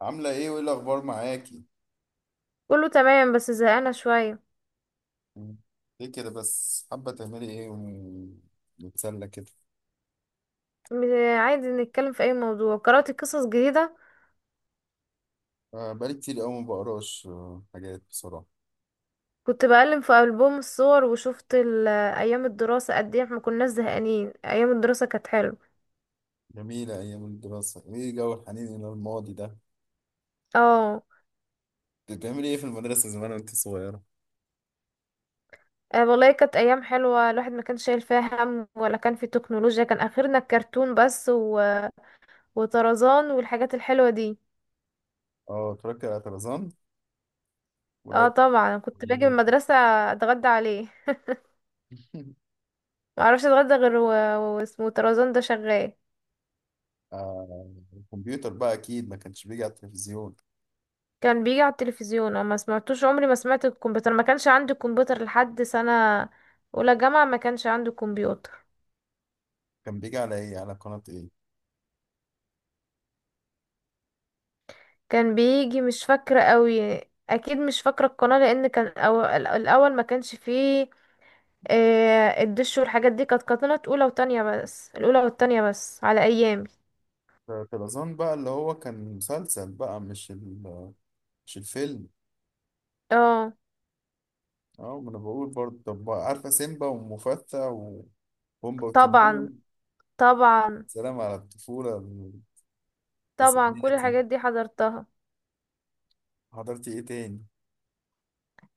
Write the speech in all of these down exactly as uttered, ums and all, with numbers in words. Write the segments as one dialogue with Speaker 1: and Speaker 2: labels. Speaker 1: عاملة ايه وايه الأخبار معاكي؟
Speaker 2: كله تمام بس زهقانة شوية.
Speaker 1: مم. ليه كده بس، حابة تعملي ايه ونتسلى كده؟
Speaker 2: م- عادي، نتكلم في أي موضوع. قرأت قصص جديدة.
Speaker 1: آه، بقالي كتير أوي ما بقراش آه، حاجات بصراحة.
Speaker 2: كنت بقلب في ألبوم الصور وشفت ال- أيام الدراسة، قد إيه احنا كناش زهقانين، أيام الدراسة كانت حلوة.
Speaker 1: جميلة أيام الدراسة، ايه جو الحنين إلى الماضي ده.
Speaker 2: اه
Speaker 1: كنت بتعملي ايه في المدرسة زمان وانت صغيرة؟
Speaker 2: آه، والله كانت أيام حلوة، الواحد ما كانش شايل فيها هم، ولا كان في تكنولوجيا، كان آخرنا الكرتون بس و... وطرزان والحاجات الحلوة دي.
Speaker 1: اه، اتفرجت على طرزان
Speaker 2: اه
Speaker 1: ولا؟
Speaker 2: طبعا، كنت باجي من المدرسة أتغدى عليه، معرفش أتغدى غير و- واسمه طرزان ده شغال.
Speaker 1: آه، الكمبيوتر بقى أكيد ما كانش بيجي على التلفزيون.
Speaker 2: كان بيجي على التلفزيون، اه، ما سمعتوش، عمري ما سمعت الكمبيوتر، ما كانش عندي كمبيوتر لحد سنة اولى جامعة، ما كانش عندي كمبيوتر.
Speaker 1: كان بيجي على ايه؟ على قناة ايه؟
Speaker 2: كان بيجي، مش فاكرة قوي، اكيد مش فاكرة القناة، لان كان أو... الاول ما كانش فيه آه، الدش والحاجات دي، كانت قناة اولى وتانية بس، الاولى والتانية بس على ايامي.
Speaker 1: طرزان بقى اللي هو كان مسلسل بقى، مش ال مش الفيلم؟
Speaker 2: اه
Speaker 1: اه، ما انا بقول برضه. طب بقى، عارفة سيمبا ومفتى وبومبا وتيمون؟
Speaker 2: طبعا. طبعا.
Speaker 1: سلام على الطفولة.
Speaker 2: طبعا كل
Speaker 1: التسعيناتي.
Speaker 2: الحاجات دي حضرتها.
Speaker 1: حضرتي ايه تاني؟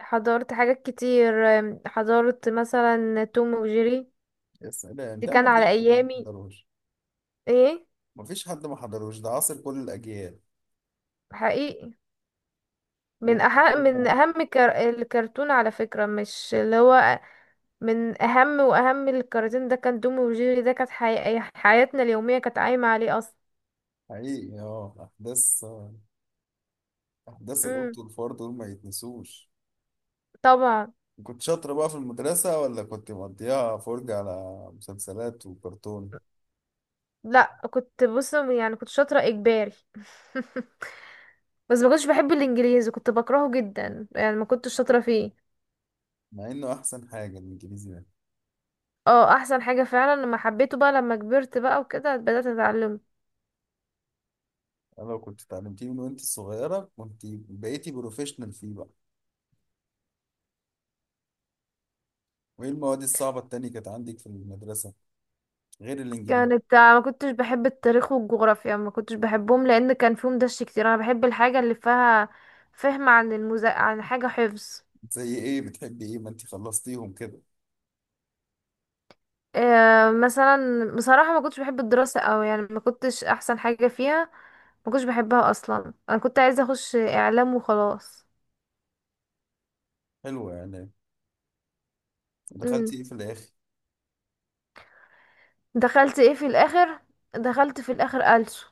Speaker 2: حضرت حاجات كتير، آم، حضرت مثلا توم وجيري،
Speaker 1: يا سلام،
Speaker 2: دي
Speaker 1: ده
Speaker 2: كان
Speaker 1: ما
Speaker 2: على
Speaker 1: فيش حد ما
Speaker 2: ايامي.
Speaker 1: حضروش.
Speaker 2: ايه.
Speaker 1: ما فيش حد ما حضروش، ده عاصر كل الأجيال.
Speaker 2: حقيقي. من
Speaker 1: و-
Speaker 2: أح من أهم كر... الكرتون على فكرة، مش اللي هو من أهم وأهم الكراتين، ده كان دومي وجيري، ده كانت حي... حياتنا اليومية كانت قايمة عليه أصلا.
Speaker 1: حقيقي. اه أحداث أحداث
Speaker 2: امم
Speaker 1: القط والفار دول ما يتنسوش.
Speaker 2: طبعا.
Speaker 1: كنت شاطرة بقى في المدرسة ولا كنت مقضيها فرجة على مسلسلات وكرتون؟
Speaker 2: لا، كنت بص يعني كنت شاطرة إجباري، بس ما كنتش بحب الإنجليزي، كنت بكرهه جدا يعني ما كنتش شاطرة فيه.
Speaker 1: مع إنه أحسن حاجة الإنجليزي ده.
Speaker 2: اه أحسن حاجة فعلا، لما حبيته بقى، لما كبرت بقى وكده بدأت أتعلمه.
Speaker 1: لو كنت اتعلمتيه من وانت صغيرة، كنت بقيتي بروفيشنال فيه بقى. وايه المواد الصعبة التانية كانت عندك في المدرسة غير الانجليزي؟
Speaker 2: كانت آه، ما كنتش بحب التاريخ والجغرافيا، ما كنتش بحبهم لان كان فيهم دش كتير، انا بحب الحاجه اللي فيها فهم، عن المزا... عن حاجه حفظ.
Speaker 1: زي ايه بتحبي؟ ايه ما انت خلصتيهم كده.
Speaker 2: آه مثلا بصراحه ما كنتش بحب الدراسه قوي، يعني ما كنتش احسن حاجه فيها، ما كنتش بحبها اصلا، انا كنت عايزه اخش اعلام وخلاص.
Speaker 1: حلوة يعني.
Speaker 2: امم
Speaker 1: دخلتي ايه في الاخر؟
Speaker 2: دخلت ايه في الاخر؟ دخلت في الاخر ألسو.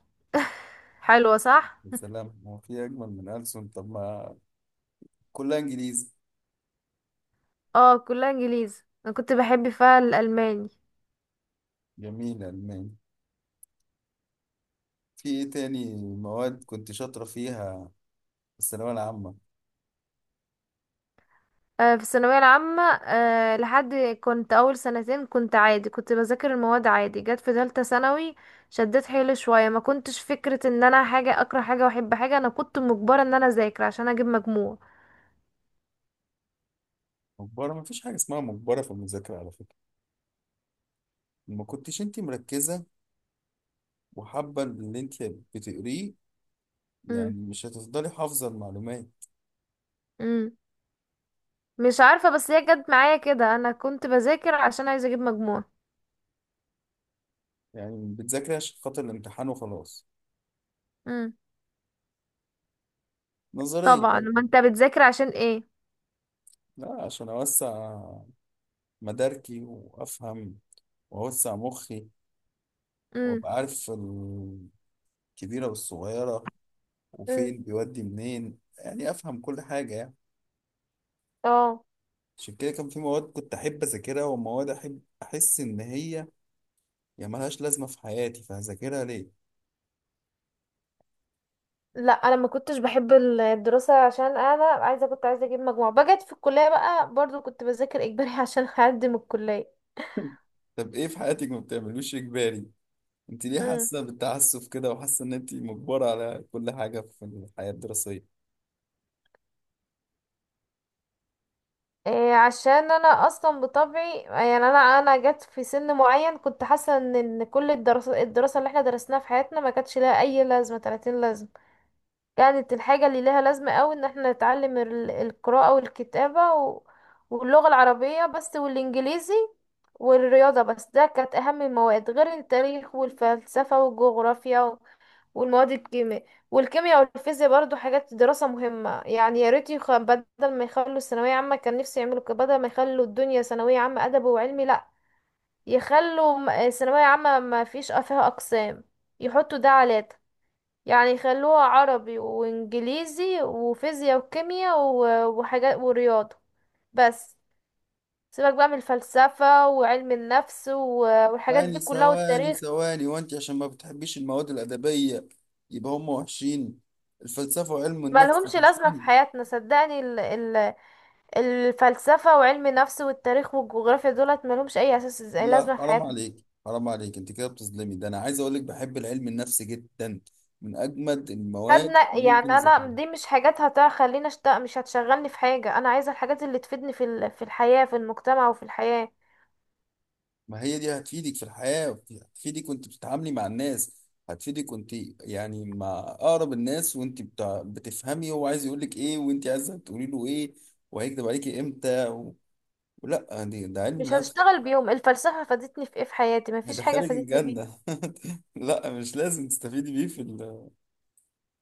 Speaker 2: حلوه صح.
Speaker 1: يا سلام، هو في اجمل من ألسن؟ طب ما كلها انجليزي.
Speaker 2: اه كلها انجليزي، انا كنت بحب فيها الالماني.
Speaker 1: جميل، الماني. في ايه تاني مواد كنت شاطرة فيها في الثانوية العامة؟
Speaker 2: آه، في الثانوية العامة، آه، لحد، كنت أول سنتين كنت عادي، كنت بذاكر المواد عادي. جت في تالتة ثانوي شديت حيلي شوية، ما كنتش فكرة ان انا حاجة اكره حاجة واحب حاجة، انا كنت مجبرة ان انا اذاكر عشان اجيب مجموع.
Speaker 1: مجبرة؟ ما فيش حاجة اسمها مجبرة في المذاكرة على فكرة. ما كنتش انت مركزة وحابة اللي انت بتقريه.
Speaker 2: مم.
Speaker 1: يعني مش هتفضلي حافظة المعلومات.
Speaker 2: مم. مش عارفة، بس هي جت معايا كده، انا كنت بذاكر عشان عايزة اجيب مجموع.
Speaker 1: يعني بتذاكري عشان خاطر الامتحان وخلاص؟
Speaker 2: مم.
Speaker 1: نظرية
Speaker 2: طبعا، ما
Speaker 1: برضه.
Speaker 2: انت بتذاكر عشان ايه؟
Speaker 1: لا، عشان أوسع مداركي وأفهم وأوسع مخي،
Speaker 2: مم.
Speaker 1: وأبقى عارف الكبيرة والصغيرة
Speaker 2: مم.
Speaker 1: وفين بيودي منين. يعني أفهم كل حاجة يعني.
Speaker 2: اه
Speaker 1: عشان كده كان في مواد كنت أحب أذاكرها، ومواد أحب أحس إن هي يعني ملهاش لازمة في حياتي فهذاكرها ليه؟
Speaker 2: لا، انا ما كنتش بحب الدراسه، عشان انا عايزه كنت عايزه اجيب مجموع بجد، في الكليه بقى برضو كنت بذاكر اجباري، عشان اقدم الكليه.
Speaker 1: طب إيه في حياتك ما بتعملوش إجباري؟ انت ليه
Speaker 2: امم
Speaker 1: حاسه بالتعسف كده، وحاسه ان انت مجبره على كل حاجه في الحياه الدراسيه؟
Speaker 2: إيه، عشان انا اصلا بطبعي يعني انا انا جت في سن معين كنت حاسه ان إن كل الدراسه الدراسه اللي احنا درسناها في حياتنا ما كانتش لها اي لازمه، ثلاثين لازمه، كانت الحاجة اللي لها لازمة قوي ان احنا نتعلم ال- القراءة والكتابة و... واللغة العربية بس والانجليزي والرياضة بس، ده كانت اهم المواد، غير التاريخ والفلسفة والجغرافيا و... والمواد الكيمياء، والكيمياء والفيزياء برضو حاجات دراسة مهمة، يعني يا ريت يخ... بدل ما يخلوا الثانوية عامة، كان نفسي يعملوا كده، بدل ما يخلوا الدنيا ثانوية عامة أدب وعلمي لأ، يخلوا م- ثانوية عامة ما فيش فيها أقسام، يحطوا ده على ده، يعني يخلوها عربي وانجليزي وفيزياء وكيمياء و- وحاجات ورياضة بس، سيبك بقى من الفلسفة وعلم النفس و- والحاجات دي
Speaker 1: ثواني
Speaker 2: كلها
Speaker 1: ثواني
Speaker 2: والتاريخ.
Speaker 1: ثواني، وانت عشان ما بتحبيش المواد الادبيه يبقى هم وحشين؟ الفلسفه وعلم النفس
Speaker 2: ملهمش لازمة في
Speaker 1: وحشين؟
Speaker 2: حياتنا صدقني، ال- ال- الفلسفة وعلم النفس والتاريخ والجغرافيا دولت ملهمش أي أساس زي-
Speaker 1: لا،
Speaker 2: لازمة في
Speaker 1: حرام
Speaker 2: حياتنا.
Speaker 1: عليك حرام عليك. انت كده بتظلمي ده. انا عايز اقول لك بحب العلم النفسي جدا، من اجمد المواد
Speaker 2: خدنا
Speaker 1: اللي
Speaker 2: يعني،
Speaker 1: ممكن
Speaker 2: أنا
Speaker 1: اذاكرها.
Speaker 2: دي مش حاجات هتخليني أشتغل، مش هتشغلني في حاجة، أنا عايزة الحاجات اللي تفيدني في ال- في الحياة، في المجتمع وفي الحياة.
Speaker 1: ما هي دي هتفيدك في الحياة. هتفيدك وانت بتتعاملي مع الناس، هتفيدك وانت يعني مع أقرب الناس، وانت بتع- بتفهمي هو عايز يقولك ايه، وانت عايزة تقولي له ايه، وهيكدب عليكي امتى و... لا دي، ده علم
Speaker 2: مش
Speaker 1: نفس.
Speaker 2: هشتغل بيهم، الفلسفة فادتني في ايه في حياتي، مفيش حاجة
Speaker 1: هيدخلك
Speaker 2: فادتني بيها.
Speaker 1: الجنة. لا، مش لازم تستفيدي بيه في ال...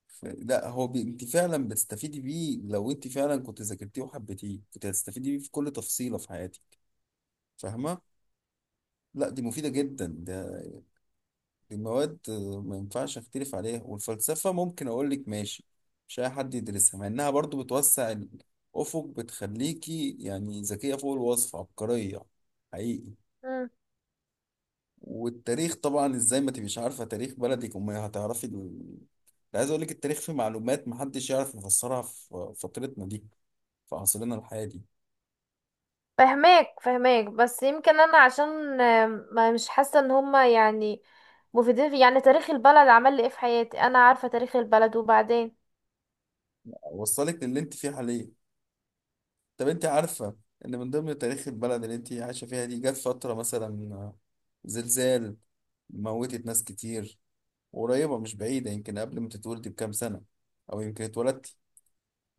Speaker 1: في... لا، هو بي... انت فعلا بتستفيدي بيه. لو انت فعلا كنت ذاكرتيه وحبيتيه، كنت هتستفيدي بيه في كل تفصيلة في حياتك. فاهمة؟ لا دي مفيدة جدا ده. المواد آه، ما ينفعش اختلف عليها. والفلسفة ممكن اقول لك ماشي، مش اي حد يدرسها، مع انها برضو بتوسع الافق، بتخليكي يعني ذكية فوق الوصف، عبقرية، حقيقي.
Speaker 2: مم.
Speaker 1: والتاريخ طبعا، ازاي ما تبقيش عارفة تاريخ بلدك، وما هتعرفي ال... ده عايز اقول لك التاريخ فيه معلومات محدش يعرف يفسرها في فترتنا دي، في عصرنا الحالي.
Speaker 2: فهماك فهماك، بس يمكن انا عشان آم، ما مش حاسة ان هما يعني مفيدين في، يعني تاريخ البلد عمل لي ايه في حياتي، انا عارفة تاريخ البلد وبعدين.
Speaker 1: اوصلك للي انت فيه حاليا. طب انت عارفة ان من ضمن تاريخ البلد اللي انت عايشة فيها دي، جت فترة مثلا زلزال، موتت ناس كتير، قريبة مش بعيدة، يمكن قبل ما تتولدي بكام سنة او يمكن اتولدتي.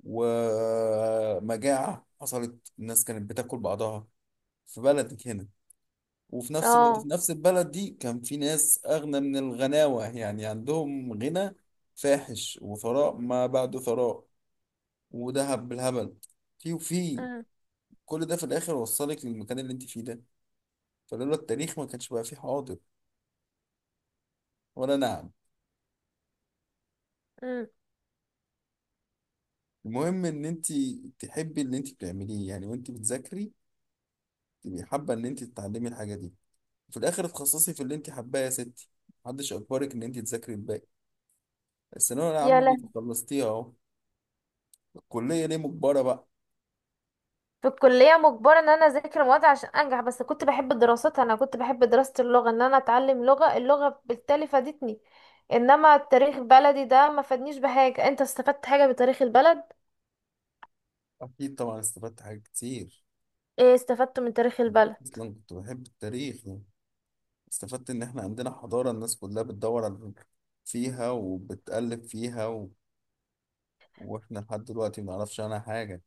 Speaker 1: ومجاعة حصلت، الناس كانت بتاكل بعضها في بلدك هنا. وفي نفس الوقت
Speaker 2: اه.
Speaker 1: في نفس البلد دي كان في ناس اغنى من الغناوة، يعني عندهم غنى فاحش وثراء ما بعده ثراء وذهب بالهبل. في وفي
Speaker 2: مم.
Speaker 1: كل ده في الاخر وصلك للمكان اللي انت فيه ده. فلولا التاريخ ما كانش بقى فيه حاضر، ولا نعم؟
Speaker 2: مم.
Speaker 1: المهم ان انت تحبي اللي انت بتعمليه، يعني وانت بتذاكري تبقي حابه ان انت تتعلمي الحاجه دي، وفي الاخر تخصصي في اللي انت حباه يا ستي. محدش اجبرك ان انت تذاكري الباقي. الثانويه
Speaker 2: يا
Speaker 1: العامه دي
Speaker 2: لهوي.
Speaker 1: خلصتيها اهو، الكليه ليه مجبره بقى؟
Speaker 2: في الكلية مجبرة ان انا اذاكر مواد عشان انجح، بس كنت بحب الدراسات، انا كنت بحب دراسة اللغة، ان انا اتعلم لغة، اللغة بالتالي فادتني، انما التاريخ بلدي ده ما فادنيش بحاجة، انت استفدت حاجة بتاريخ البلد؟
Speaker 1: اكيد طبعا استفدت حاجات كتير.
Speaker 2: ايه استفدت من تاريخ البلد؟
Speaker 1: اصلا كنت بحب التاريخ يعني. استفدت ان احنا عندنا حضاره الناس كلها بتدور على فيها وبتقلب فيها، واحنا لحد دلوقتي ما نعرفش عنها حاجة.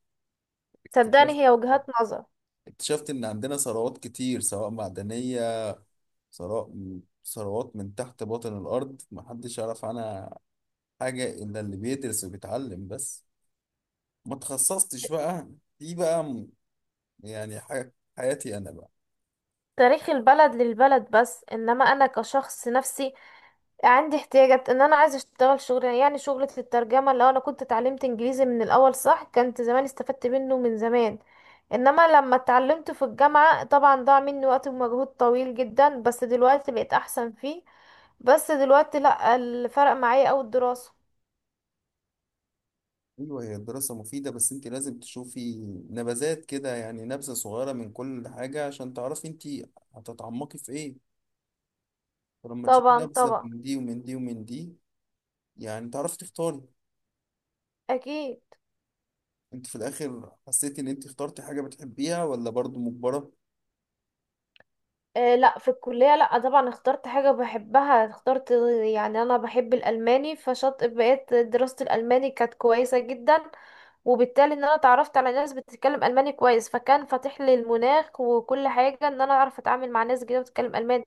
Speaker 1: اكتشفت
Speaker 2: صدقني هي وجهات نظر.
Speaker 1: اكتشفت ان عندنا ثروات كتير، سواء معدنية، ثراء، ثروات من تحت باطن الارض ما حدش يعرف عنها حاجة الا اللي بيدرس وبيتعلم بس. ما تخصصتش بقى. دي بقى م- يعني ح- حياتي انا بقى.
Speaker 2: تاريخ البلد للبلد بس، انما انا كشخص نفسي، عندي احتياجات ان انا عايزه اشتغل شغل، يعني شغلة الترجمة، لو انا كنت اتعلمت انجليزي من الاول صح، كنت زمان استفدت منه من زمان، انما لما اتعلمت في الجامعة طبعا ضاع مني وقت ومجهود طويل جدا، بس دلوقتي بقيت احسن فيه، بس دلوقتي لا، الفرق معايا اوي الدراسة.
Speaker 1: ايوه، هي الدراسة مفيدة، بس انت لازم تشوفي نبذات كده، يعني نبذة صغيرة من كل حاجة، عشان تعرفي انت هتتعمقي في ايه. فلما تشوفي
Speaker 2: طبعا
Speaker 1: نبذة
Speaker 2: طبعا.
Speaker 1: من دي ومن دي ومن دي، يعني تعرفي تختاري.
Speaker 2: اكيد.
Speaker 1: انت في الاخر حسيتي ان انت اخترتي حاجة بتحبيها، ولا برضو مجبرة؟
Speaker 2: آه لا، في الكلية لا طبعا اخترت حاجة بحبها، اخترت يعني انا بحب الالماني، فشط بقيت دراسة الالماني كانت كويسة جدا، وبالتالي ان انا اتعرفت على ناس بتتكلم الماني كويس، فكان فاتح لي المناخ وكل حاجة، ان انا اعرف اتعامل مع ناس جديدة بتتكلم الماني.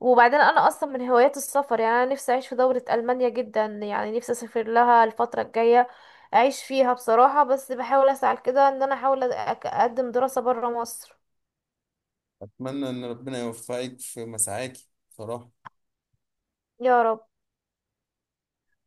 Speaker 2: وبعدين انا اصلا من هوايات السفر، يعني انا نفسي اعيش في دولة المانيا جدا، يعني نفسي اسافر لها الفترة الجاية، اعيش فيها بصراحة، بس بحاول اسعى كده ان انا احاول أ- اقدم دراسة برا مصر.
Speaker 1: اتمنى ان ربنا يوفقك في مساعاكي بصراحة.
Speaker 2: يا رب.